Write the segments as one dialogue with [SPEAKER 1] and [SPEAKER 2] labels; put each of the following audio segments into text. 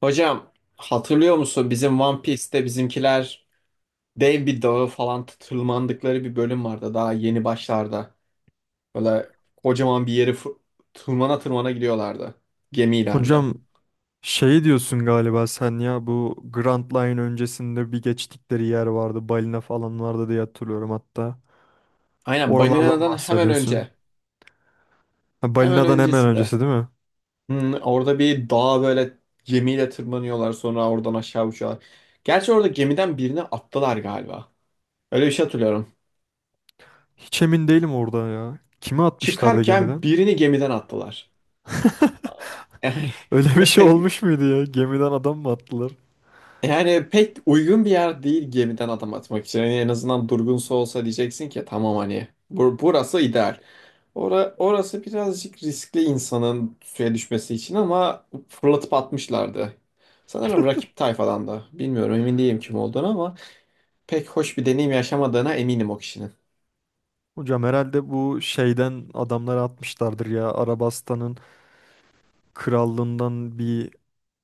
[SPEAKER 1] Hocam hatırlıyor musun bizim One Piece'te bizimkiler dev bir dağı falan tırmandıkları bir bölüm vardı daha yeni başlarda. Böyle kocaman bir yeri tırmana tırmana gidiyorlardı gemilerle.
[SPEAKER 2] Hocam şey diyorsun galiba sen ya, bu Grand Line öncesinde bir geçtikleri yer vardı. Balina falan vardı diye hatırlıyorum hatta.
[SPEAKER 1] Aynen
[SPEAKER 2] Oralardan
[SPEAKER 1] Banina'dan hemen
[SPEAKER 2] bahsediyorsun.
[SPEAKER 1] önce.
[SPEAKER 2] Ha,
[SPEAKER 1] Hemen
[SPEAKER 2] balinadan hemen
[SPEAKER 1] öncesinde.
[SPEAKER 2] öncesi değil mi?
[SPEAKER 1] Hmm, orada bir dağa böyle gemiyle tırmanıyorlar, sonra oradan aşağı uçuyorlar. Gerçi orada gemiden birini attılar galiba. Öyle bir şey hatırlıyorum.
[SPEAKER 2] Hiç emin değilim orada ya. Kimi atmışlardı
[SPEAKER 1] Çıkarken
[SPEAKER 2] gemiden?
[SPEAKER 1] birini gemiden attılar. Yani
[SPEAKER 2] Öyle bir şey
[SPEAKER 1] Pek
[SPEAKER 2] olmuş muydu ya? Gemiden adam mı attılar?
[SPEAKER 1] Yani pek uygun bir yer değil gemiden adam atmak için. Yani en azından durgunsa olsa diyeceksin ki tamam, hani burası ideal. Orası birazcık riskli insanın suya düşmesi için, ama fırlatıp atmışlardı. Sanırım rakip tayfadan da. Bilmiyorum, emin değilim kim olduğunu, ama pek hoş bir deneyim yaşamadığına eminim o kişinin.
[SPEAKER 2] Hocam herhalde bu şeyden adamları atmışlardır ya. Arabastan'ın krallığından bir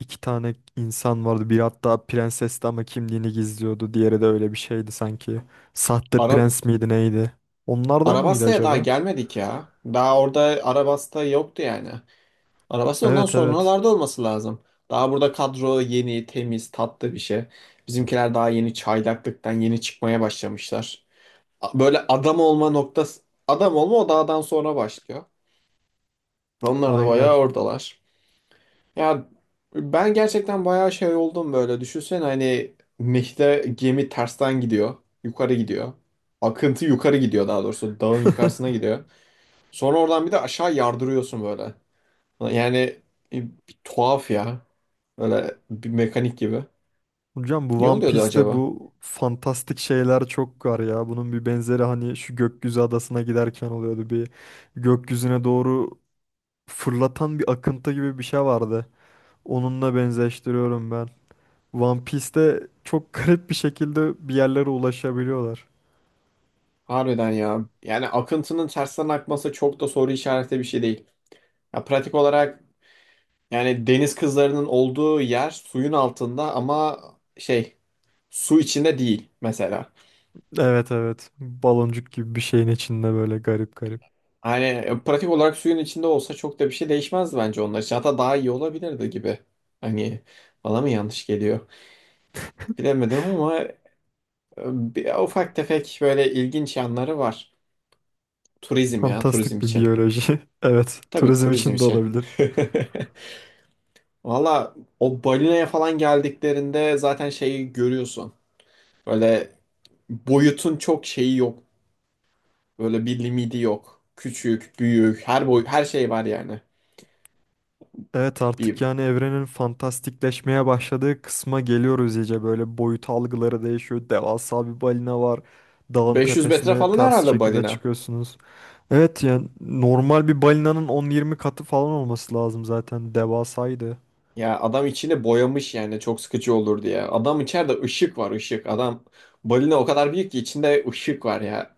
[SPEAKER 2] iki tane insan vardı. Biri hatta prensesti ama kimliğini gizliyordu. Diğeri de öyle bir şeydi sanki. Sahte
[SPEAKER 1] Ara
[SPEAKER 2] prens miydi neydi? Onlardan mıydı
[SPEAKER 1] Arabas'ta'ya daha
[SPEAKER 2] acaba?
[SPEAKER 1] gelmedik ya. Daha orada Arabas'ta yoktu yani. Arabasta ondan
[SPEAKER 2] Evet evet.
[SPEAKER 1] sonralarda olması lazım. Daha burada kadro yeni, temiz, tatlı bir şey. Bizimkiler daha yeni çaylaklıktan yeni çıkmaya başlamışlar. Böyle adam olma noktası, adam olma o dağdan sonra başlıyor. Onlar da
[SPEAKER 2] Aynen.
[SPEAKER 1] bayağı oradalar. Ya, ben gerçekten bayağı şey oldum böyle. Düşünsene, hani Meh'te gemi tersten gidiyor. Yukarı gidiyor. Akıntı yukarı gidiyor daha doğrusu. Dağın yukarısına gidiyor. Sonra oradan bir de aşağı yardırıyorsun böyle. Yani, e, bir tuhaf ya. Böyle bir mekanik gibi.
[SPEAKER 2] Hocam bu
[SPEAKER 1] Niye
[SPEAKER 2] One
[SPEAKER 1] oluyordu
[SPEAKER 2] Piece'te
[SPEAKER 1] acaba?
[SPEAKER 2] bu fantastik şeyler çok var ya. Bunun bir benzeri hani şu gökyüzü adasına giderken oluyordu. Bir gökyüzüne doğru fırlatan bir akıntı gibi bir şey vardı. Onunla benzeştiriyorum ben. One Piece'te çok garip bir şekilde bir yerlere ulaşabiliyorlar.
[SPEAKER 1] Harbiden ya. Yani akıntının tersten akması çok da soru işareti bir şey değil. Ya pratik olarak yani deniz kızlarının olduğu yer suyun altında, ama şey, su içinde değil mesela.
[SPEAKER 2] Evet evet. Baloncuk gibi bir şeyin içinde böyle garip garip.
[SPEAKER 1] Hani, pratik olarak suyun içinde olsa çok da bir şey değişmezdi bence onlar için. Hatta daha iyi olabilirdi gibi. Hani bana mı yanlış geliyor? Bilemedim, ama bir, ufak tefek böyle ilginç yanları var. Turizm ya, turizm
[SPEAKER 2] Fantastik bir
[SPEAKER 1] için.
[SPEAKER 2] biyoloji. Evet.
[SPEAKER 1] Tabii
[SPEAKER 2] Turizm
[SPEAKER 1] turizm
[SPEAKER 2] için de
[SPEAKER 1] için.
[SPEAKER 2] olabilir.
[SPEAKER 1] Valla o balinaya falan geldiklerinde zaten şeyi görüyorsun. Böyle boyutun çok şeyi yok. Böyle bir limiti yok. Küçük, büyük, her boy her şey var yani.
[SPEAKER 2] Evet, artık
[SPEAKER 1] Bir
[SPEAKER 2] yani evrenin fantastikleşmeye başladığı kısma geliyoruz iyice. Böyle boyut algıları değişiyor. Devasa bir balina var. Dağın
[SPEAKER 1] 500 metre
[SPEAKER 2] tepesine
[SPEAKER 1] falan
[SPEAKER 2] ters
[SPEAKER 1] herhalde
[SPEAKER 2] şekilde
[SPEAKER 1] balina.
[SPEAKER 2] çıkıyorsunuz. Evet yani normal bir balinanın 10-20 katı falan olması lazım zaten. Devasaydı.
[SPEAKER 1] Ya adam içini boyamış yani çok sıkıcı olur diye. Adam içeride ışık var ışık. Adam, balina o kadar büyük ki içinde ışık var ya.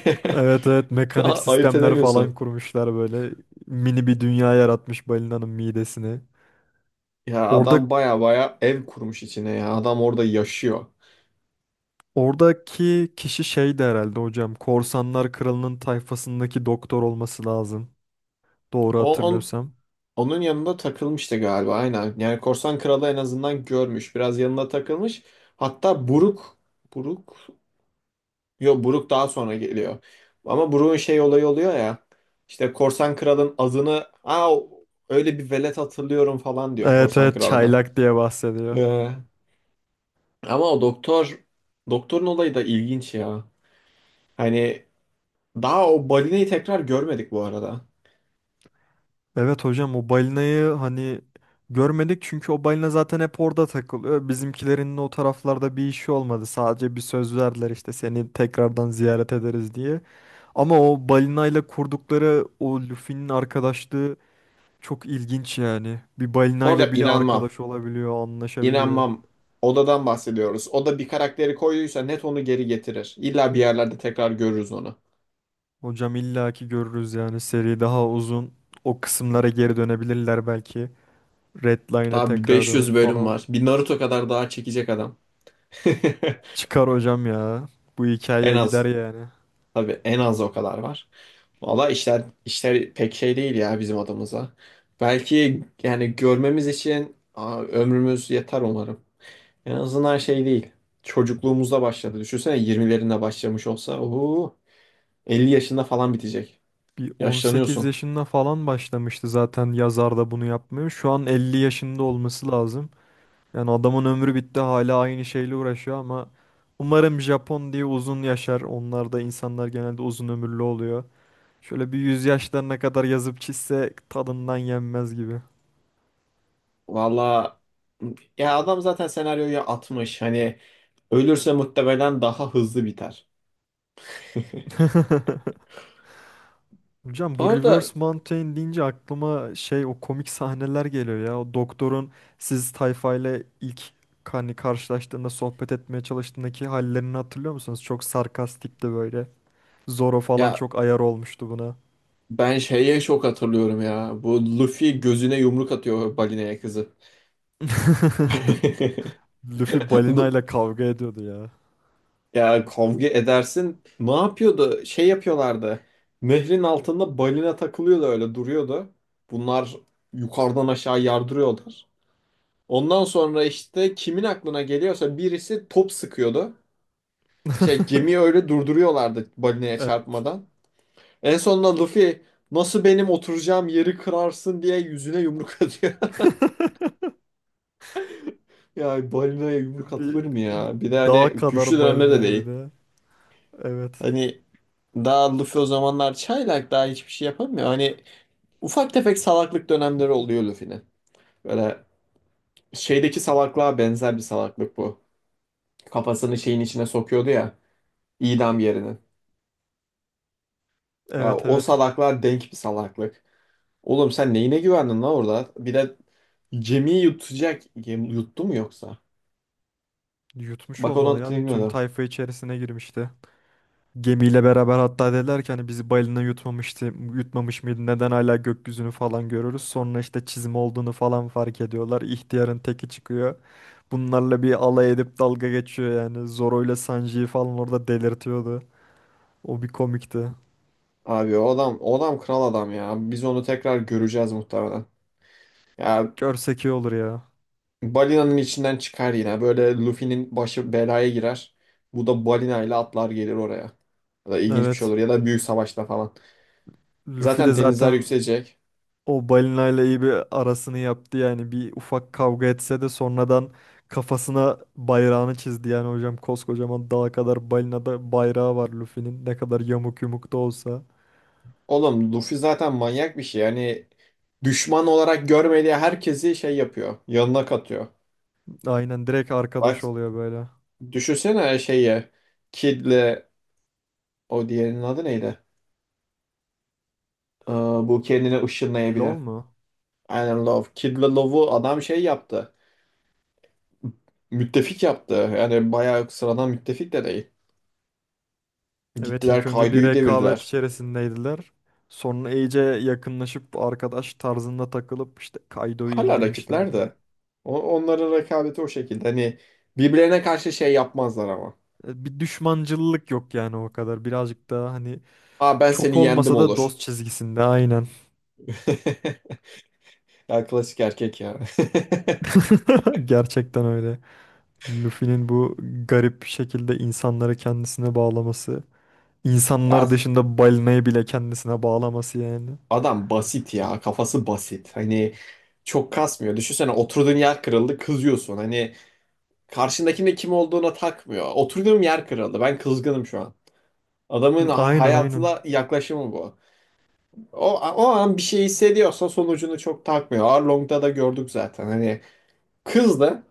[SPEAKER 2] Evet evet, mekanik
[SPEAKER 1] Ayırt
[SPEAKER 2] sistemler falan
[SPEAKER 1] edemiyorsun.
[SPEAKER 2] kurmuşlar, böyle mini bir dünya yaratmış balinanın midesini.
[SPEAKER 1] Ya adam
[SPEAKER 2] Orada
[SPEAKER 1] baya baya ev kurmuş içine ya. Adam orada yaşıyor.
[SPEAKER 2] oradaki kişi şeydi herhalde hocam. Korsanlar Kralı'nın tayfasındaki doktor olması lazım. Doğru
[SPEAKER 1] O, on,
[SPEAKER 2] hatırlıyorsam.
[SPEAKER 1] Onun yanında takılmıştı galiba, aynen. Yani Korsan Kralı en azından görmüş. Biraz yanında takılmış. Hatta Buruk. Buruk. Yok, Buruk daha sonra geliyor. Ama Buruk'un şey olayı oluyor ya. İşte Korsan Kral'ın adını, öyle bir velet hatırlıyorum falan diyor
[SPEAKER 2] Evet
[SPEAKER 1] Korsan
[SPEAKER 2] evet,
[SPEAKER 1] Kralı'na.
[SPEAKER 2] çaylak diye bahsediyor.
[SPEAKER 1] Ee, Ama o doktor, doktorun olayı da ilginç ya. Hani daha o balinayı tekrar görmedik bu arada.
[SPEAKER 2] Evet hocam, o balinayı hani görmedik çünkü o balina zaten hep orada takılıyor. Bizimkilerin o taraflarda bir işi olmadı. Sadece bir söz verdiler işte, seni tekrardan ziyaret ederiz diye. Ama o balinayla kurdukları o Luffy'nin arkadaşlığı çok ilginç yani. Bir
[SPEAKER 1] Bu arada
[SPEAKER 2] balinayla bile
[SPEAKER 1] inanmam.
[SPEAKER 2] arkadaş olabiliyor, anlaşabiliyor.
[SPEAKER 1] İnanmam. Odadan bahsediyoruz. O da bir karakteri koyduysa net onu geri getirir. İlla bir yerlerde tekrar görürüz onu.
[SPEAKER 2] Hocam illaki görürüz yani, seri daha uzun. O kısımlara geri dönebilirler belki. Redline'a
[SPEAKER 1] Daha bir
[SPEAKER 2] tekrar dönüp
[SPEAKER 1] 500 bölüm
[SPEAKER 2] falan.
[SPEAKER 1] var. Bir Naruto kadar daha çekecek adam.
[SPEAKER 2] Çıkar hocam ya. Bu
[SPEAKER 1] En
[SPEAKER 2] hikayeye
[SPEAKER 1] az.
[SPEAKER 2] gider yani.
[SPEAKER 1] Tabii en az o kadar var. Valla işler pek şey değil ya bizim adımıza. Belki yani görmemiz için ömrümüz yeter umarım. En azından şey değil. Çocukluğumuzda başladı. Düşünsene 20'lerinde başlamış olsa oho, 50 yaşında falan bitecek.
[SPEAKER 2] Bir 18
[SPEAKER 1] Yaşlanıyorsun.
[SPEAKER 2] yaşında falan başlamıştı zaten, yazar da bunu yapmıyor. Şu an 50 yaşında olması lazım. Yani adamın ömrü bitti, hala aynı şeyle uğraşıyor ama umarım Japon diye uzun yaşar. Onlar da, insanlar genelde uzun ömürlü oluyor. Şöyle bir yüz yaşlarına kadar yazıp çizse tadından yenmez gibi.
[SPEAKER 1] Valla, ya adam zaten senaryoyu atmış. Hani ölürse muhtemelen daha hızlı biter.
[SPEAKER 2] Hocam
[SPEAKER 1] Bu
[SPEAKER 2] bu
[SPEAKER 1] arada,
[SPEAKER 2] Reverse Mountain deyince aklıma şey, o komik sahneler geliyor ya. O doktorun siz tayfayla ilk hani karşılaştığında sohbet etmeye çalıştığındaki hallerini hatırlıyor musunuz? Çok sarkastikti böyle. Zoro falan
[SPEAKER 1] ya
[SPEAKER 2] çok ayar olmuştu buna.
[SPEAKER 1] ben şeye çok hatırlıyorum ya. Bu Luffy gözüne yumruk atıyor balineye kızı.
[SPEAKER 2] Luffy balinayla kavga ediyordu ya.
[SPEAKER 1] Ya kavga edersin. Ne yapıyordu? Şey yapıyorlardı. Nehrin altında balina takılıyordu, öyle duruyordu. Bunlar yukarıdan aşağı yardırıyorlar. Ondan sonra işte kimin aklına geliyorsa birisi top sıkıyordu. Şey, gemiyi öyle durduruyorlardı balinaya
[SPEAKER 2] Evet.
[SPEAKER 1] çarpmadan. En sonunda Luffy, nasıl benim oturacağım yeri kırarsın diye yüzüne yumruk atıyor. Ya balinaya yumruk atılır
[SPEAKER 2] Bir
[SPEAKER 1] mı ya? Bir de hani
[SPEAKER 2] dağ
[SPEAKER 1] güçlü
[SPEAKER 2] kadar
[SPEAKER 1] dönemde de
[SPEAKER 2] balinaya bir
[SPEAKER 1] değil.
[SPEAKER 2] de. Evet.
[SPEAKER 1] Hani daha Luffy o zamanlar çaylak, daha hiçbir şey yapamıyor. Hani ufak tefek salaklık dönemleri oluyor Luffy'nin. Böyle şeydeki salaklığa benzer bir salaklık bu. Kafasını şeyin içine sokuyordu ya, idam yerinin. Ya
[SPEAKER 2] Evet
[SPEAKER 1] o
[SPEAKER 2] evet.
[SPEAKER 1] salaklığa denk bir salaklık. Oğlum sen neyine güvendin lan orada? Bir de gemiyi yutacak. Yuttu mu yoksa?
[SPEAKER 2] Yutmuş
[SPEAKER 1] Bak onu
[SPEAKER 2] olmalı ya. Tüm
[SPEAKER 1] hatırlamıyorum.
[SPEAKER 2] tayfa içerisine girmişti. Gemiyle beraber hatta, dediler ki hani bizi balina yutmamıştı, yutmamış mıydı? Neden hala gökyüzünü falan görürüz? Sonra işte çizim olduğunu falan fark ediyorlar. İhtiyarın teki çıkıyor. Bunlarla bir alay edip dalga geçiyor yani. Zoro ile Sanji'yi falan orada delirtiyordu. O bir komikti.
[SPEAKER 1] Abi o adam, o adam kral adam ya. Biz onu tekrar göreceğiz muhtemelen. Ya,
[SPEAKER 2] Görsek iyi olur ya.
[SPEAKER 1] balinanın içinden çıkar yine. Böyle Luffy'nin başı belaya girer. Bu da balinayla atlar gelir oraya. Ya da ilginç bir şey
[SPEAKER 2] Evet.
[SPEAKER 1] olur. Ya da büyük savaşta falan.
[SPEAKER 2] Luffy de
[SPEAKER 1] Zaten denizler
[SPEAKER 2] zaten
[SPEAKER 1] yükselecek.
[SPEAKER 2] o balinayla iyi bir arasını yaptı yani. Bir ufak kavga etse de sonradan kafasına bayrağını çizdi. Yani hocam koskocaman dağa kadar balinada bayrağı var Luffy'nin. Ne kadar yamuk yumuk da olsa.
[SPEAKER 1] Oğlum, Luffy zaten manyak bir şey. Yani düşman olarak görmediği herkesi şey yapıyor. Yanına katıyor.
[SPEAKER 2] Aynen, direkt arkadaş
[SPEAKER 1] Bak
[SPEAKER 2] oluyor böyle.
[SPEAKER 1] düşünsene şeyi. Kid'le, o diğerinin adı neydi? Bu kendini ışınlayabilen.
[SPEAKER 2] LOL mu?
[SPEAKER 1] Aynen, Love. Kid'le Love'u adam şey yaptı. Müttefik yaptı. Yani bayağı sıradan müttefik de değil.
[SPEAKER 2] Evet,
[SPEAKER 1] Gittiler
[SPEAKER 2] ilk önce bir
[SPEAKER 1] Kaido'yu
[SPEAKER 2] rekabet
[SPEAKER 1] devirdiler.
[SPEAKER 2] içerisindeydiler. Sonra iyice yakınlaşıp arkadaş tarzında takılıp işte Kaido'yu
[SPEAKER 1] Hala rakipler
[SPEAKER 2] indirmişlerdi.
[SPEAKER 1] de. Onların rekabeti o şekilde. Hani birbirlerine karşı şey yapmazlar ama.
[SPEAKER 2] E, bir düşmancıllık yok yani o kadar. Birazcık daha hani
[SPEAKER 1] Aa, ben
[SPEAKER 2] çok
[SPEAKER 1] seni yendim
[SPEAKER 2] olmasa da
[SPEAKER 1] olur.
[SPEAKER 2] dost çizgisinde aynen.
[SPEAKER 1] Ya klasik erkek ya.
[SPEAKER 2] Gerçekten öyle. Luffy'nin bu garip şekilde insanları kendisine bağlaması. İnsanlar
[SPEAKER 1] Ya
[SPEAKER 2] dışında balinayı bile kendisine bağlaması yani.
[SPEAKER 1] adam basit ya. Kafası basit. Hani çok kasmıyor. Düşünsene, oturduğun yer kırıldı, kızıyorsun. Hani karşındakinin de kim olduğuna takmıyor. Oturduğum yer kırıldı. Ben kızgınım şu an. Adamın
[SPEAKER 2] Aynen aynen.
[SPEAKER 1] hayatına yaklaşımı bu. O an bir şey hissediyorsa sonucunu çok takmıyor. Arlong'da da gördük zaten. Hani kız da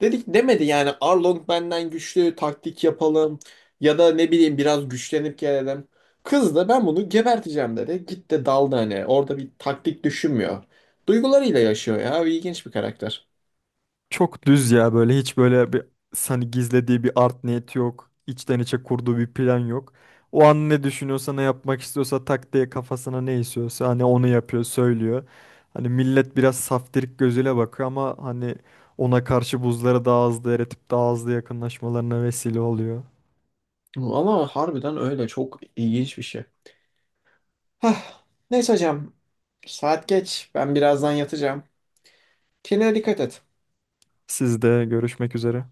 [SPEAKER 1] dedik demedi yani, Arlong benden güçlü, taktik yapalım ya da ne bileyim biraz güçlenip gelelim. Kız da ben bunu geberteceğim dedi. Gitti daldı hani. Orada bir taktik düşünmüyor. Duygularıyla yaşıyor ya. İlginç bir karakter.
[SPEAKER 2] Çok düz ya, böyle hiç böyle bir hani gizlediği bir art niyeti yok. İçten içe kurduğu bir plan yok. O an ne düşünüyorsa ne yapmak istiyorsa tak diye kafasına ne istiyorsa hani onu yapıyor, söylüyor. Hani millet biraz saftirik gözüyle bakıyor ama hani ona karşı buzları daha hızlı eritip daha hızlı yakınlaşmalarına vesile oluyor.
[SPEAKER 1] Ama harbiden öyle çok ilginç bir şey. Hah. Neyse hocam. Saat geç. Ben birazdan yatacağım. Kendine dikkat et.
[SPEAKER 2] Sizde görüşmek üzere.